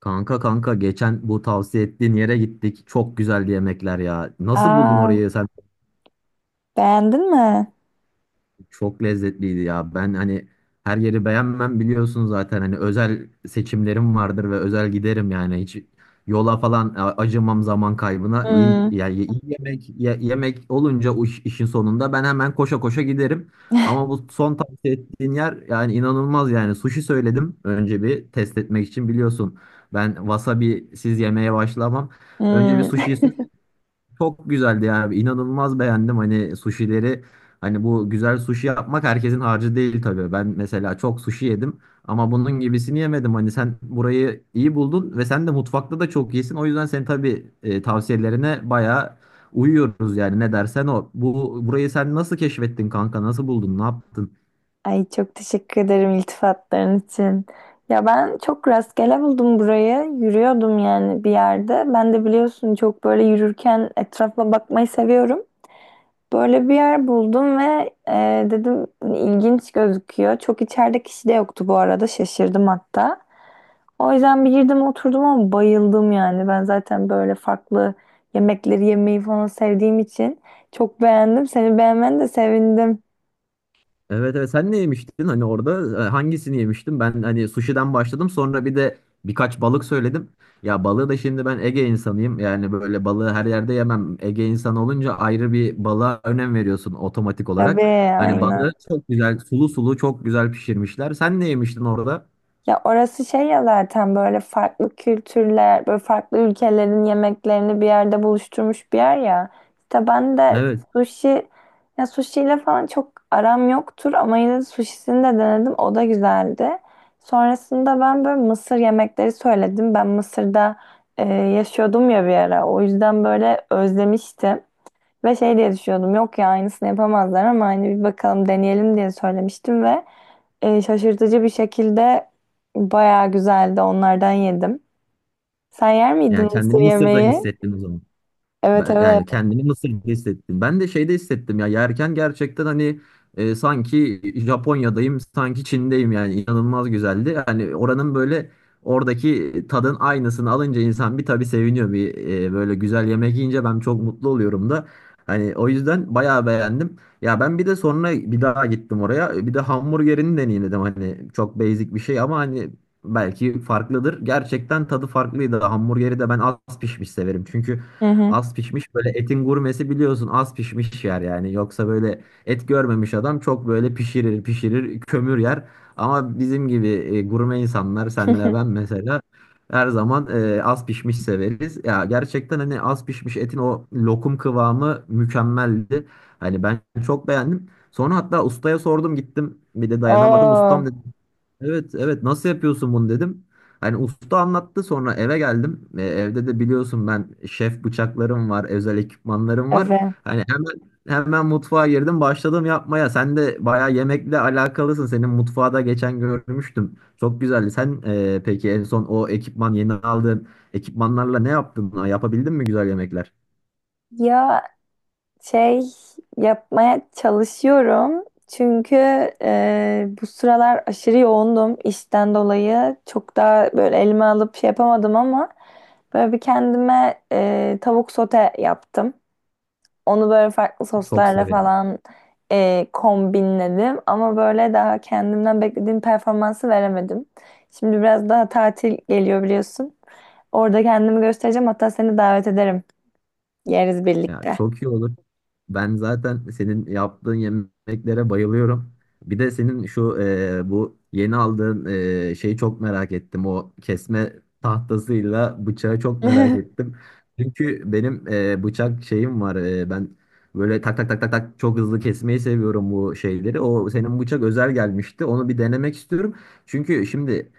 Kanka, geçen bu tavsiye ettiğin yere gittik. Çok güzel yemekler ya. Nasıl buldun Aa, orayı? Sen beğendin mi? çok lezzetliydi ya. Ben her yeri beğenmem biliyorsun zaten. Hani özel seçimlerim vardır ve özel giderim yani. Hiç yola falan acımam zaman kaybına. İyi, Hmm, yani iyi yemek olunca o işin sonunda ben hemen koşa koşa giderim. Ama bu son tavsiye ettiğin yer yani inanılmaz yani. Sushi söyledim önce bir test etmek için biliyorsun. Ben wasabi siz yemeye başlamam. Önce bir hmm. sushi çok güzeldi ya. Abi. İnanılmaz beğendim hani suşileri. Hani bu güzel suşi yapmak herkesin harcı değil tabii. Ben mesela çok suşi yedim ama bunun gibisini yemedim. Hani sen burayı iyi buldun ve sen de mutfakta da çok iyisin. O yüzden senin tabii tavsiyelerine bayağı uyuyoruz yani ne dersen o. Bu burayı sen nasıl keşfettin kanka? Nasıl buldun? Ne yaptın? Ay çok teşekkür ederim iltifatların için. Ya ben çok rastgele buldum burayı. Yürüyordum yani bir yerde. Ben de biliyorsun çok böyle yürürken etrafa bakmayı seviyorum. Böyle bir yer buldum ve dedim hani ilginç gözüküyor. Çok içeride kişi de yoktu bu arada. Şaşırdım hatta. O yüzden bir girdim oturdum ama bayıldım yani. Ben zaten böyle farklı yemekleri yemeyi falan sevdiğim için çok beğendim. Seni beğenmen de sevindim. Evet, evet, sen ne yemiştin hani orada hangisini yemiştin? Ben hani sushi'den başladım, sonra bir de birkaç balık söyledim. Ya balığı da şimdi ben Ege insanıyım. Yani böyle balığı her yerde yemem. Ege insanı olunca ayrı bir balığa önem veriyorsun otomatik Tabii, olarak. Hani balığı aynen. çok güzel sulu sulu çok güzel pişirmişler. Sen ne yemiştin orada? Ya orası şey ya zaten böyle farklı kültürler, böyle farklı ülkelerin yemeklerini bir yerde buluşturmuş bir yer ya. İşte ben de Evet. sushi, ya sushi ile falan çok aram yoktur ama yine de sushisini de denedim. O da güzeldi. Sonrasında ben böyle Mısır yemekleri söyledim. Ben Mısır'da yaşıyordum ya bir ara. O yüzden böyle özlemiştim. Ve şey diye düşünüyordum yok ya aynısını yapamazlar ama hani bir bakalım deneyelim diye söylemiştim ve şaşırtıcı bir şekilde bayağı güzeldi onlardan yedim. Sen yer miydin Yani kendini Mısır Mısır'da yemeği? hissettin o zaman. Evet, Ben, evet. yani kendimi Mısır'da hissettim. Ben de şeyde hissettim ya, yerken gerçekten hani sanki Japonya'dayım, sanki Çin'deyim, yani inanılmaz güzeldi. Yani oranın böyle oradaki tadın aynısını alınca insan bir tabii seviniyor. Bir böyle güzel yemek yiyince ben çok mutlu oluyorum da. Hani o yüzden bayağı beğendim. Ya ben bir de sonra bir daha gittim oraya. Bir de hamburgerini deneyimledim. Hani çok basic bir şey ama hani belki farklıdır. Gerçekten tadı farklıydı. Hamburgeri de ben az pişmiş severim. Çünkü Hı hı. az pişmiş böyle etin gurmesi biliyorsun az pişmiş yer yani. Yoksa böyle et görmemiş adam çok böyle pişirir pişirir kömür yer. Ama bizim gibi gurme insanlar, senle ben mesela, her zaman az pişmiş severiz. Ya gerçekten hani az pişmiş etin o lokum kıvamı mükemmeldi. Hani ben çok beğendim. Sonra hatta ustaya sordum, gittim bir de dayanamadım. Ustam dedi Oo, evet, evet nasıl yapıyorsun bunu dedim. Hani usta anlattı, sonra eve geldim. E, evde de biliyorsun ben şef bıçaklarım var, özel ekipmanlarım var. evet. Hani hemen mutfağa girdim, başladım yapmaya. Sen de bayağı yemekle alakalısın. Senin mutfağı da geçen görmüştüm. Çok güzeldi. Sen peki en son o ekipman yeni aldığın ekipmanlarla ne yaptın? Yapabildin mi güzel yemekler? Ya şey, yapmaya çalışıyorum. Çünkü bu sıralar aşırı yoğundum işten dolayı. Çok daha böyle elime alıp şey yapamadım ama böyle bir kendime tavuk sote yaptım. Onu böyle farklı Çok soslarla severim. falan kombinledim. Ama böyle daha kendimden beklediğim performansı veremedim. Şimdi biraz daha tatil geliyor biliyorsun. Orada kendimi göstereceğim. Hatta seni davet ederim. Yeriz Ya birlikte. çok iyi olur. Ben zaten senin yaptığın yemeklere bayılıyorum. Bir de senin şu bu yeni aldığın şeyi çok merak ettim. O kesme tahtasıyla bıçağı çok merak ettim. Çünkü benim bıçak şeyim var. E, ben böyle tak tak tak tak tak çok hızlı kesmeyi seviyorum bu şeyleri. O senin bıçak özel gelmişti. Onu bir denemek istiyorum. Çünkü şimdi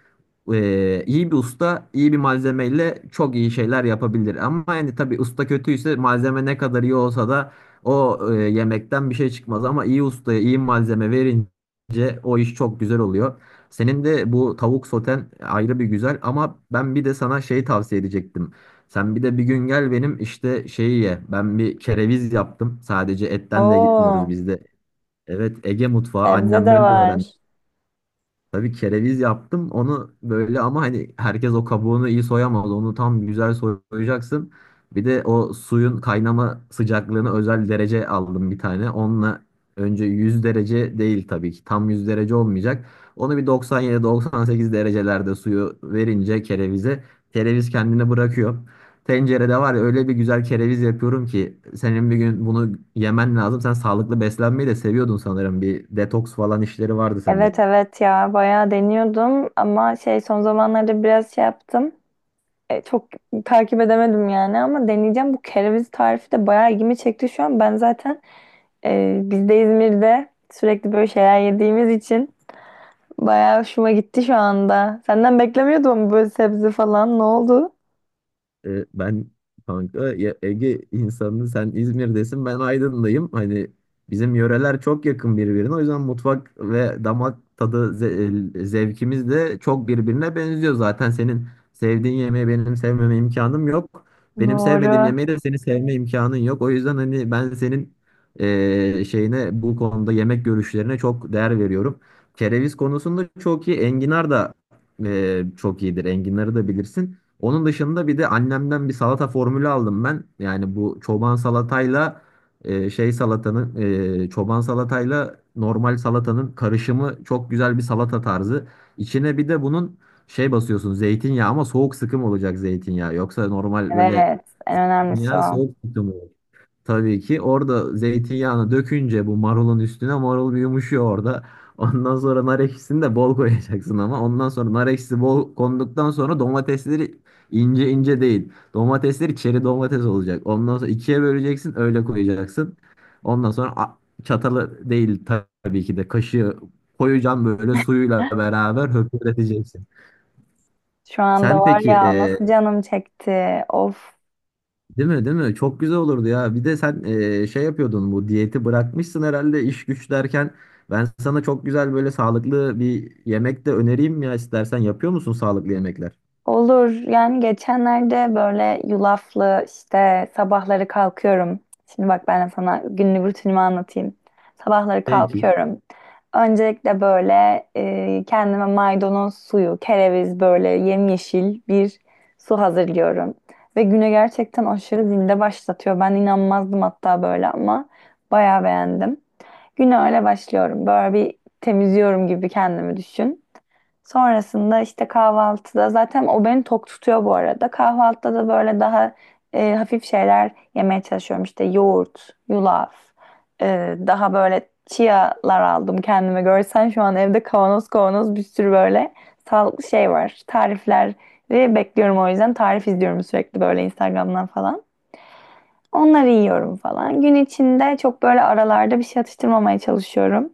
iyi bir usta, iyi bir malzemeyle çok iyi şeyler yapabilir. Ama yani tabii usta kötüyse malzeme ne kadar iyi olsa da o yemekten bir şey çıkmaz. Ama iyi ustaya iyi malzeme verince o iş çok güzel oluyor. Senin de bu tavuk soten ayrı bir güzel ama ben bir de sana şey tavsiye edecektim. Sen bir de bir gün gel benim işte şeyi ye. Ben bir kereviz yaptım. Sadece etten de gitmiyoruz Oo, bizde. Evet, Ege mutfağı sebze de annemden öğrendim. var. Tabii kereviz yaptım onu böyle ama hani herkes o kabuğunu iyi soyamaz. Onu tam güzel soyacaksın. Bir de o suyun kaynama sıcaklığını özel derece aldım bir tane. Onunla önce 100 derece değil tabii ki. Tam 100 derece olmayacak. Onu bir 97-98 derecelerde suyu verince kerevize kereviz kendini bırakıyor. Tencerede var ya, öyle bir güzel kereviz yapıyorum ki senin bir gün bunu yemen lazım. Sen sağlıklı beslenmeyi de seviyordun sanırım. Bir detoks falan işleri vardı sende. Evet, evet, ya bayağı deniyordum ama şey son zamanlarda biraz şey yaptım. Çok takip edemedim yani ama deneyeceğim. Bu kereviz tarifi de bayağı ilgimi çekti şu an. Ben zaten biz de İzmir'de sürekli böyle şeyler yediğimiz için bayağı hoşuma gitti şu anda. Senden beklemiyordum ama böyle sebze falan. Ne oldu? E, ben kanka ya, Ege insanı, sen İzmir'desin, ben Aydın'dayım. Hani bizim yöreler çok yakın birbirine. O yüzden mutfak ve damak tadı zevkimiz de çok birbirine benziyor. Zaten senin sevdiğin yemeği benim sevmeme imkanım yok. Benim sevmediğim Doğru. yemeği de senin sevme imkanın yok. O yüzden hani ben senin şeyine, bu konuda yemek görüşlerine çok değer veriyorum. Kereviz konusunda çok iyi. Enginar da çok iyidir. Enginarı da bilirsin. Onun dışında bir de annemden bir salata formülü aldım ben. Yani bu çoban salatayla e, şey salatanın çoban salatayla normal salatanın karışımı çok güzel bir salata tarzı. İçine bir de bunun şey basıyorsun, zeytinyağı, ama soğuk sıkım olacak zeytinyağı. Yoksa normal böyle Evet, en önemlisi ya o. soğuk sıkım. Tabii ki orada zeytinyağını dökünce bu marulun üstüne marul bir yumuşuyor orada. Ondan sonra nar ekşisini de bol koyacaksın ama ondan sonra nar ekşisi bol konduktan sonra domatesleri ince ince değil. Domatesleri çeri domates olacak. Ondan sonra ikiye böleceksin, öyle koyacaksın. Ondan sonra çatalı değil, tabii ki de kaşığı koyacaksın, böyle suyuyla beraber höpürteceksin. Şu anda Sen var peki ya nasıl canım çekti. Of. değil mi, değil mi? Çok güzel olurdu ya. Bir de sen şey yapıyordun, bu diyeti bırakmışsın herhalde iş güç derken. Ben sana çok güzel böyle sağlıklı bir yemek de önereyim ya istersen. Yapıyor musun sağlıklı yemekler? Olur. Yani geçenlerde böyle yulaflı işte sabahları kalkıyorum. Şimdi bak ben de sana günlük rutinimi anlatayım. Sabahları Peki. kalkıyorum. Öncelikle böyle kendime maydanoz suyu, kereviz böyle yemyeşil bir su hazırlıyorum. Ve güne gerçekten aşırı zinde başlatıyor. Ben inanmazdım hatta böyle ama bayağı beğendim. Güne öyle başlıyorum. Böyle bir temizliyorum gibi kendimi düşün. Sonrasında işte kahvaltıda zaten o beni tok tutuyor bu arada. Kahvaltıda da böyle daha hafif şeyler yemeye çalışıyorum. İşte yoğurt, yulaf, daha böyle chia'lar aldım kendime. Görsen şu an evde kavanoz kavanoz bir sürü böyle sağlıklı şey var. Tarifleri bekliyorum o yüzden tarif izliyorum sürekli böyle Instagram'dan falan. Onları yiyorum falan. Gün içinde çok böyle aralarda bir şey atıştırmamaya çalışıyorum.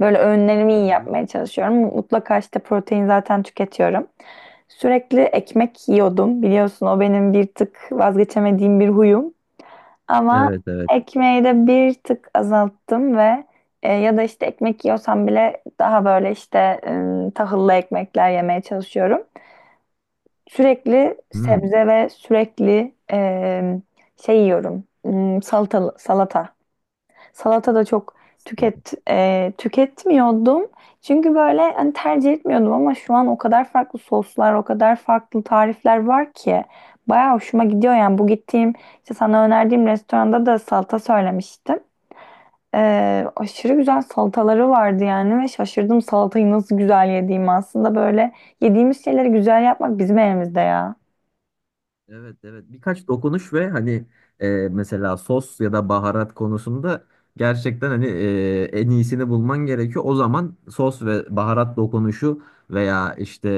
Böyle öğünlerimi iyi Ben yapmaya diyorum. çalışıyorum. Mutlaka işte protein zaten tüketiyorum. Sürekli ekmek yiyordum. Biliyorsun o benim bir tık vazgeçemediğim bir huyum. Ama Evet, evet. ekmeği de bir tık azalttım ve ya da işte ekmek yiyorsam bile daha böyle işte tahıllı ekmekler yemeye çalışıyorum. Sürekli Hmm. sebze ve sürekli şey yiyorum. Hmm, salatalı, salata. Salata da çok tüketmiyordum. Çünkü böyle hani tercih etmiyordum ama şu an o kadar farklı soslar, o kadar farklı tarifler var ki bayağı hoşuma gidiyor yani. Bu gittiğim işte sana önerdiğim restoranda da salata söylemiştim. Aşırı güzel salataları vardı yani ve şaşırdım salatayı nasıl güzel yediğimi. Aslında böyle yediğimiz şeyleri güzel yapmak bizim elimizde ya. Evet, evet, birkaç dokunuş ve hani mesela sos ya da baharat konusunda gerçekten hani en iyisini bulman gerekiyor. O zaman sos ve baharat dokunuşu veya işte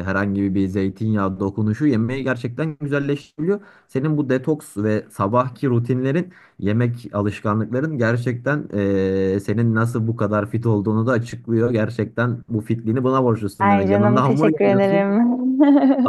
herhangi bir zeytinyağı dokunuşu yemeği gerçekten güzelleştiriyor. Senin bu detoks ve sabahki rutinlerin, yemek alışkanlıkların gerçekten senin nasıl bu kadar fit olduğunu da açıklıyor. Gerçekten bu fitliğini buna borçlusun Ay demek. canım Yanında hamur teşekkür yiyorsun. ederim.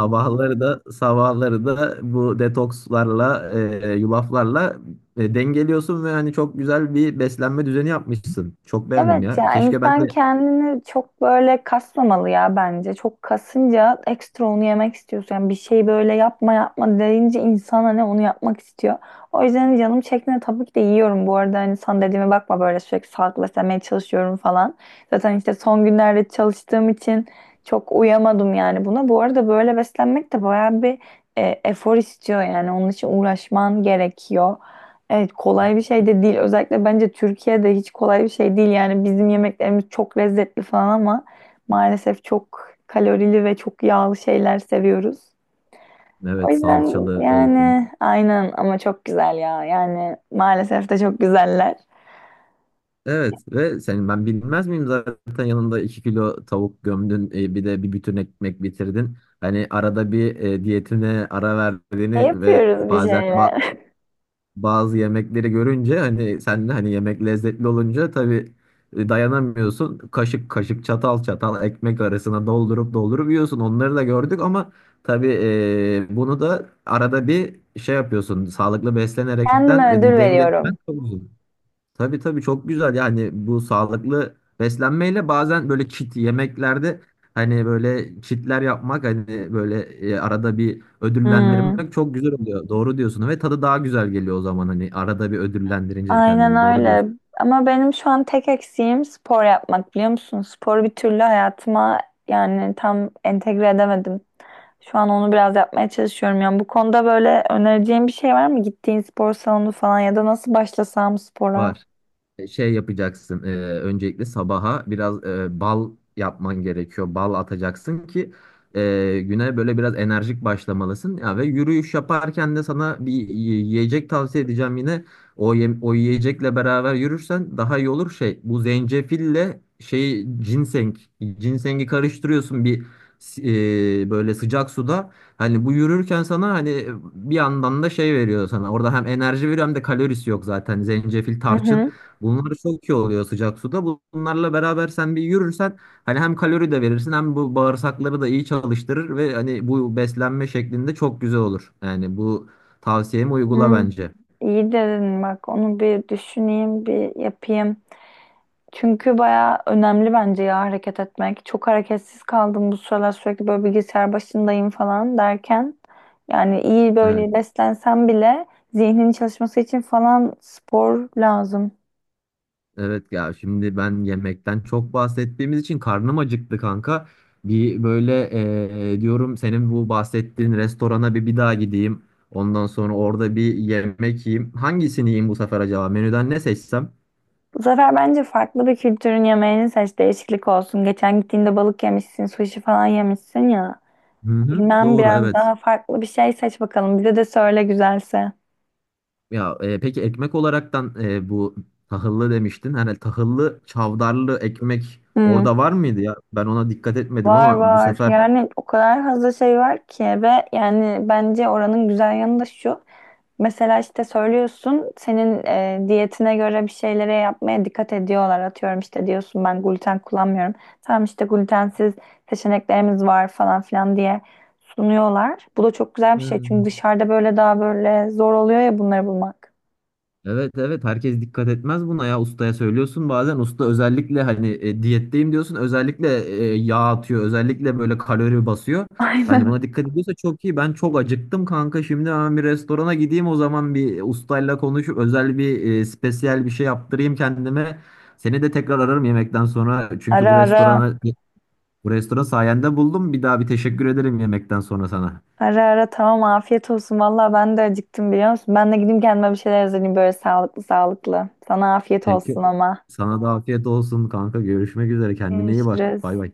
da, sabahları da bu detokslarla, yulaflarla dengeliyorsun ve hani çok güzel bir beslenme düzeni yapmışsın. Çok beğendim Evet ya. ya Keşke ben insan de kendini çok böyle kasmamalı ya bence. Çok kasınca ekstra onu yemek istiyorsun. Yani bir şey böyle yapma yapma deyince insan hani onu yapmak istiyor. O yüzden canım çektiğinde tabii ki de yiyorum bu arada. Hani sana dediğime bakma böyle sürekli sağlıklı beslenmeye çalışıyorum falan. Zaten işte son günlerde çalıştığım için çok uyamadım yani buna. Bu arada böyle beslenmek de bayağı bir efor istiyor yani. Onun için uğraşman gerekiyor. Evet kolay bir şey de değil. Özellikle bence Türkiye'de hiç kolay bir şey değil. Yani bizim yemeklerimiz çok lezzetli falan ama maalesef çok kalorili ve çok yağlı şeyler seviyoruz. O evet, yüzden salçalı olsun. yani aynen ama çok güzel ya. Yani maalesef de çok güzeller. Evet, ve senin ben bilmez miyim, zaten yanında 2 kilo tavuk gömdün, bir de bir bütün ekmek bitirdin. Hani arada bir diyetine ara E, verdiğini ve yapıyoruz bir bazen şeyler. bazı yemekleri görünce hani sen de hani yemek lezzetli olunca tabii dayanamıyorsun. Kaşık kaşık, çatal çatal ekmek arasına doldurup doldurup yiyorsun. Onları da gördük ama tabii bunu da arada bir şey yapıyorsun. Sağlıklı beslenerekten Kendime ödül veriyorum. dengelemen çok zor. Tabii, tabii, çok güzel yani bu sağlıklı beslenmeyle bazen böyle kit yemeklerde hani böyle kitler yapmak, hani böyle arada bir Hmm, ödüllendirmek çok güzel oluyor. Doğru diyorsun ve tadı daha güzel geliyor o zaman, hani arada bir ödüllendirince aynen kendini. Doğru öyle. diyorsun. Ama benim şu an tek eksiğim spor yapmak biliyor musun? Sporu bir türlü hayatıma yani tam entegre edemedim. Şu an onu biraz yapmaya çalışıyorum. Yani bu konuda böyle önereceğim bir şey var mı? Gittiğin spor salonu falan ya da nasıl başlasam spora? Var. E, şey yapacaksın. Öncelikle sabaha biraz bal yapman gerekiyor. Bal atacaksın ki güne böyle biraz enerjik başlamalısın. Ya ve yürüyüş yaparken de sana bir yiyecek tavsiye edeceğim yine. O yiyecekle beraber yürürsen daha iyi olur şey. Bu zencefille şey ginseng, ginsengi karıştırıyorsun bir s- böyle sıcak suda. Hani bu yürürken sana hani bir yandan da şey veriyor sana. Orada hem enerji veriyor hem de kalorisi yok zaten. Zencefil, Hı tarçın. hı. Bunlar çok iyi oluyor sıcak suda. Bunlarla beraber sen bir yürürsen hani hem kalori de verirsin hem bu bağırsakları da iyi çalıştırır ve hani bu beslenme şeklinde çok güzel olur. Yani bu tavsiyemi uygula Hı. bence. İyi dedin bak onu bir düşüneyim bir yapayım. Çünkü baya önemli bence ya hareket etmek. Çok hareketsiz kaldım bu sıralar sürekli böyle bilgisayar başındayım falan derken. Yani iyi Evet. böyle beslensem bile zihnin çalışması için falan spor lazım. Evet ya, şimdi ben yemekten çok bahsettiğimiz için karnım acıktı kanka. Bir böyle diyorum senin bu bahsettiğin restorana bir daha gideyim. Ondan sonra orada bir yemek yiyeyim. Hangisini yiyeyim bu sefer acaba? Menüden ne seçsem? Bu sefer bence farklı bir kültürün yemeğini seç, değişiklik olsun. Geçen gittiğinde balık yemişsin, sushi falan yemişsin ya. Hı hı, Bilmem doğru, biraz evet. daha farklı bir şey seç bakalım. Bize de söyle güzelse. Ya peki ekmek olaraktan bu tahıllı demiştin. Hani tahıllı çavdarlı ekmek Hmm. orada var mıydı ya? Ben ona dikkat etmedim Var ama bu var. sefer Yani o kadar fazla şey var ki ve yani bence oranın güzel yanı da şu. Mesela işte söylüyorsun senin diyetine göre bir şeylere yapmaya dikkat ediyorlar. Atıyorum işte diyorsun ben gluten kullanmıyorum. Tamam işte glutensiz seçeneklerimiz var falan filan diye sunuyorlar. Bu da çok güzel bir şey çünkü hmm. dışarıda böyle daha böyle zor oluyor ya bunları bulmak. Evet, evet, herkes dikkat etmez buna ya, ustaya söylüyorsun bazen usta özellikle hani diyetteyim diyorsun özellikle yağ atıyor, özellikle böyle kalori basıyor. Hani Aynen. buna dikkat ediyorsa çok iyi. Ben çok acıktım kanka, şimdi hemen bir restorana gideyim o zaman, bir ustayla konuşup özel bir spesiyel bir şey yaptırayım kendime. Seni de tekrar ararım yemekten sonra çünkü Ara ara, bu restoran sayende buldum, bir daha bir teşekkür ederim yemekten sonra sana. ara ara, tamam afiyet olsun. Valla ben de acıktım biliyor musun? Ben de gideyim kendime bir şeyler hazırlayayım böyle sağlıklı sağlıklı. Sana afiyet olsun Peki, ama. sana da afiyet olsun kanka, görüşmek üzere, kendine iyi bak, Görüşürüz. bay bay.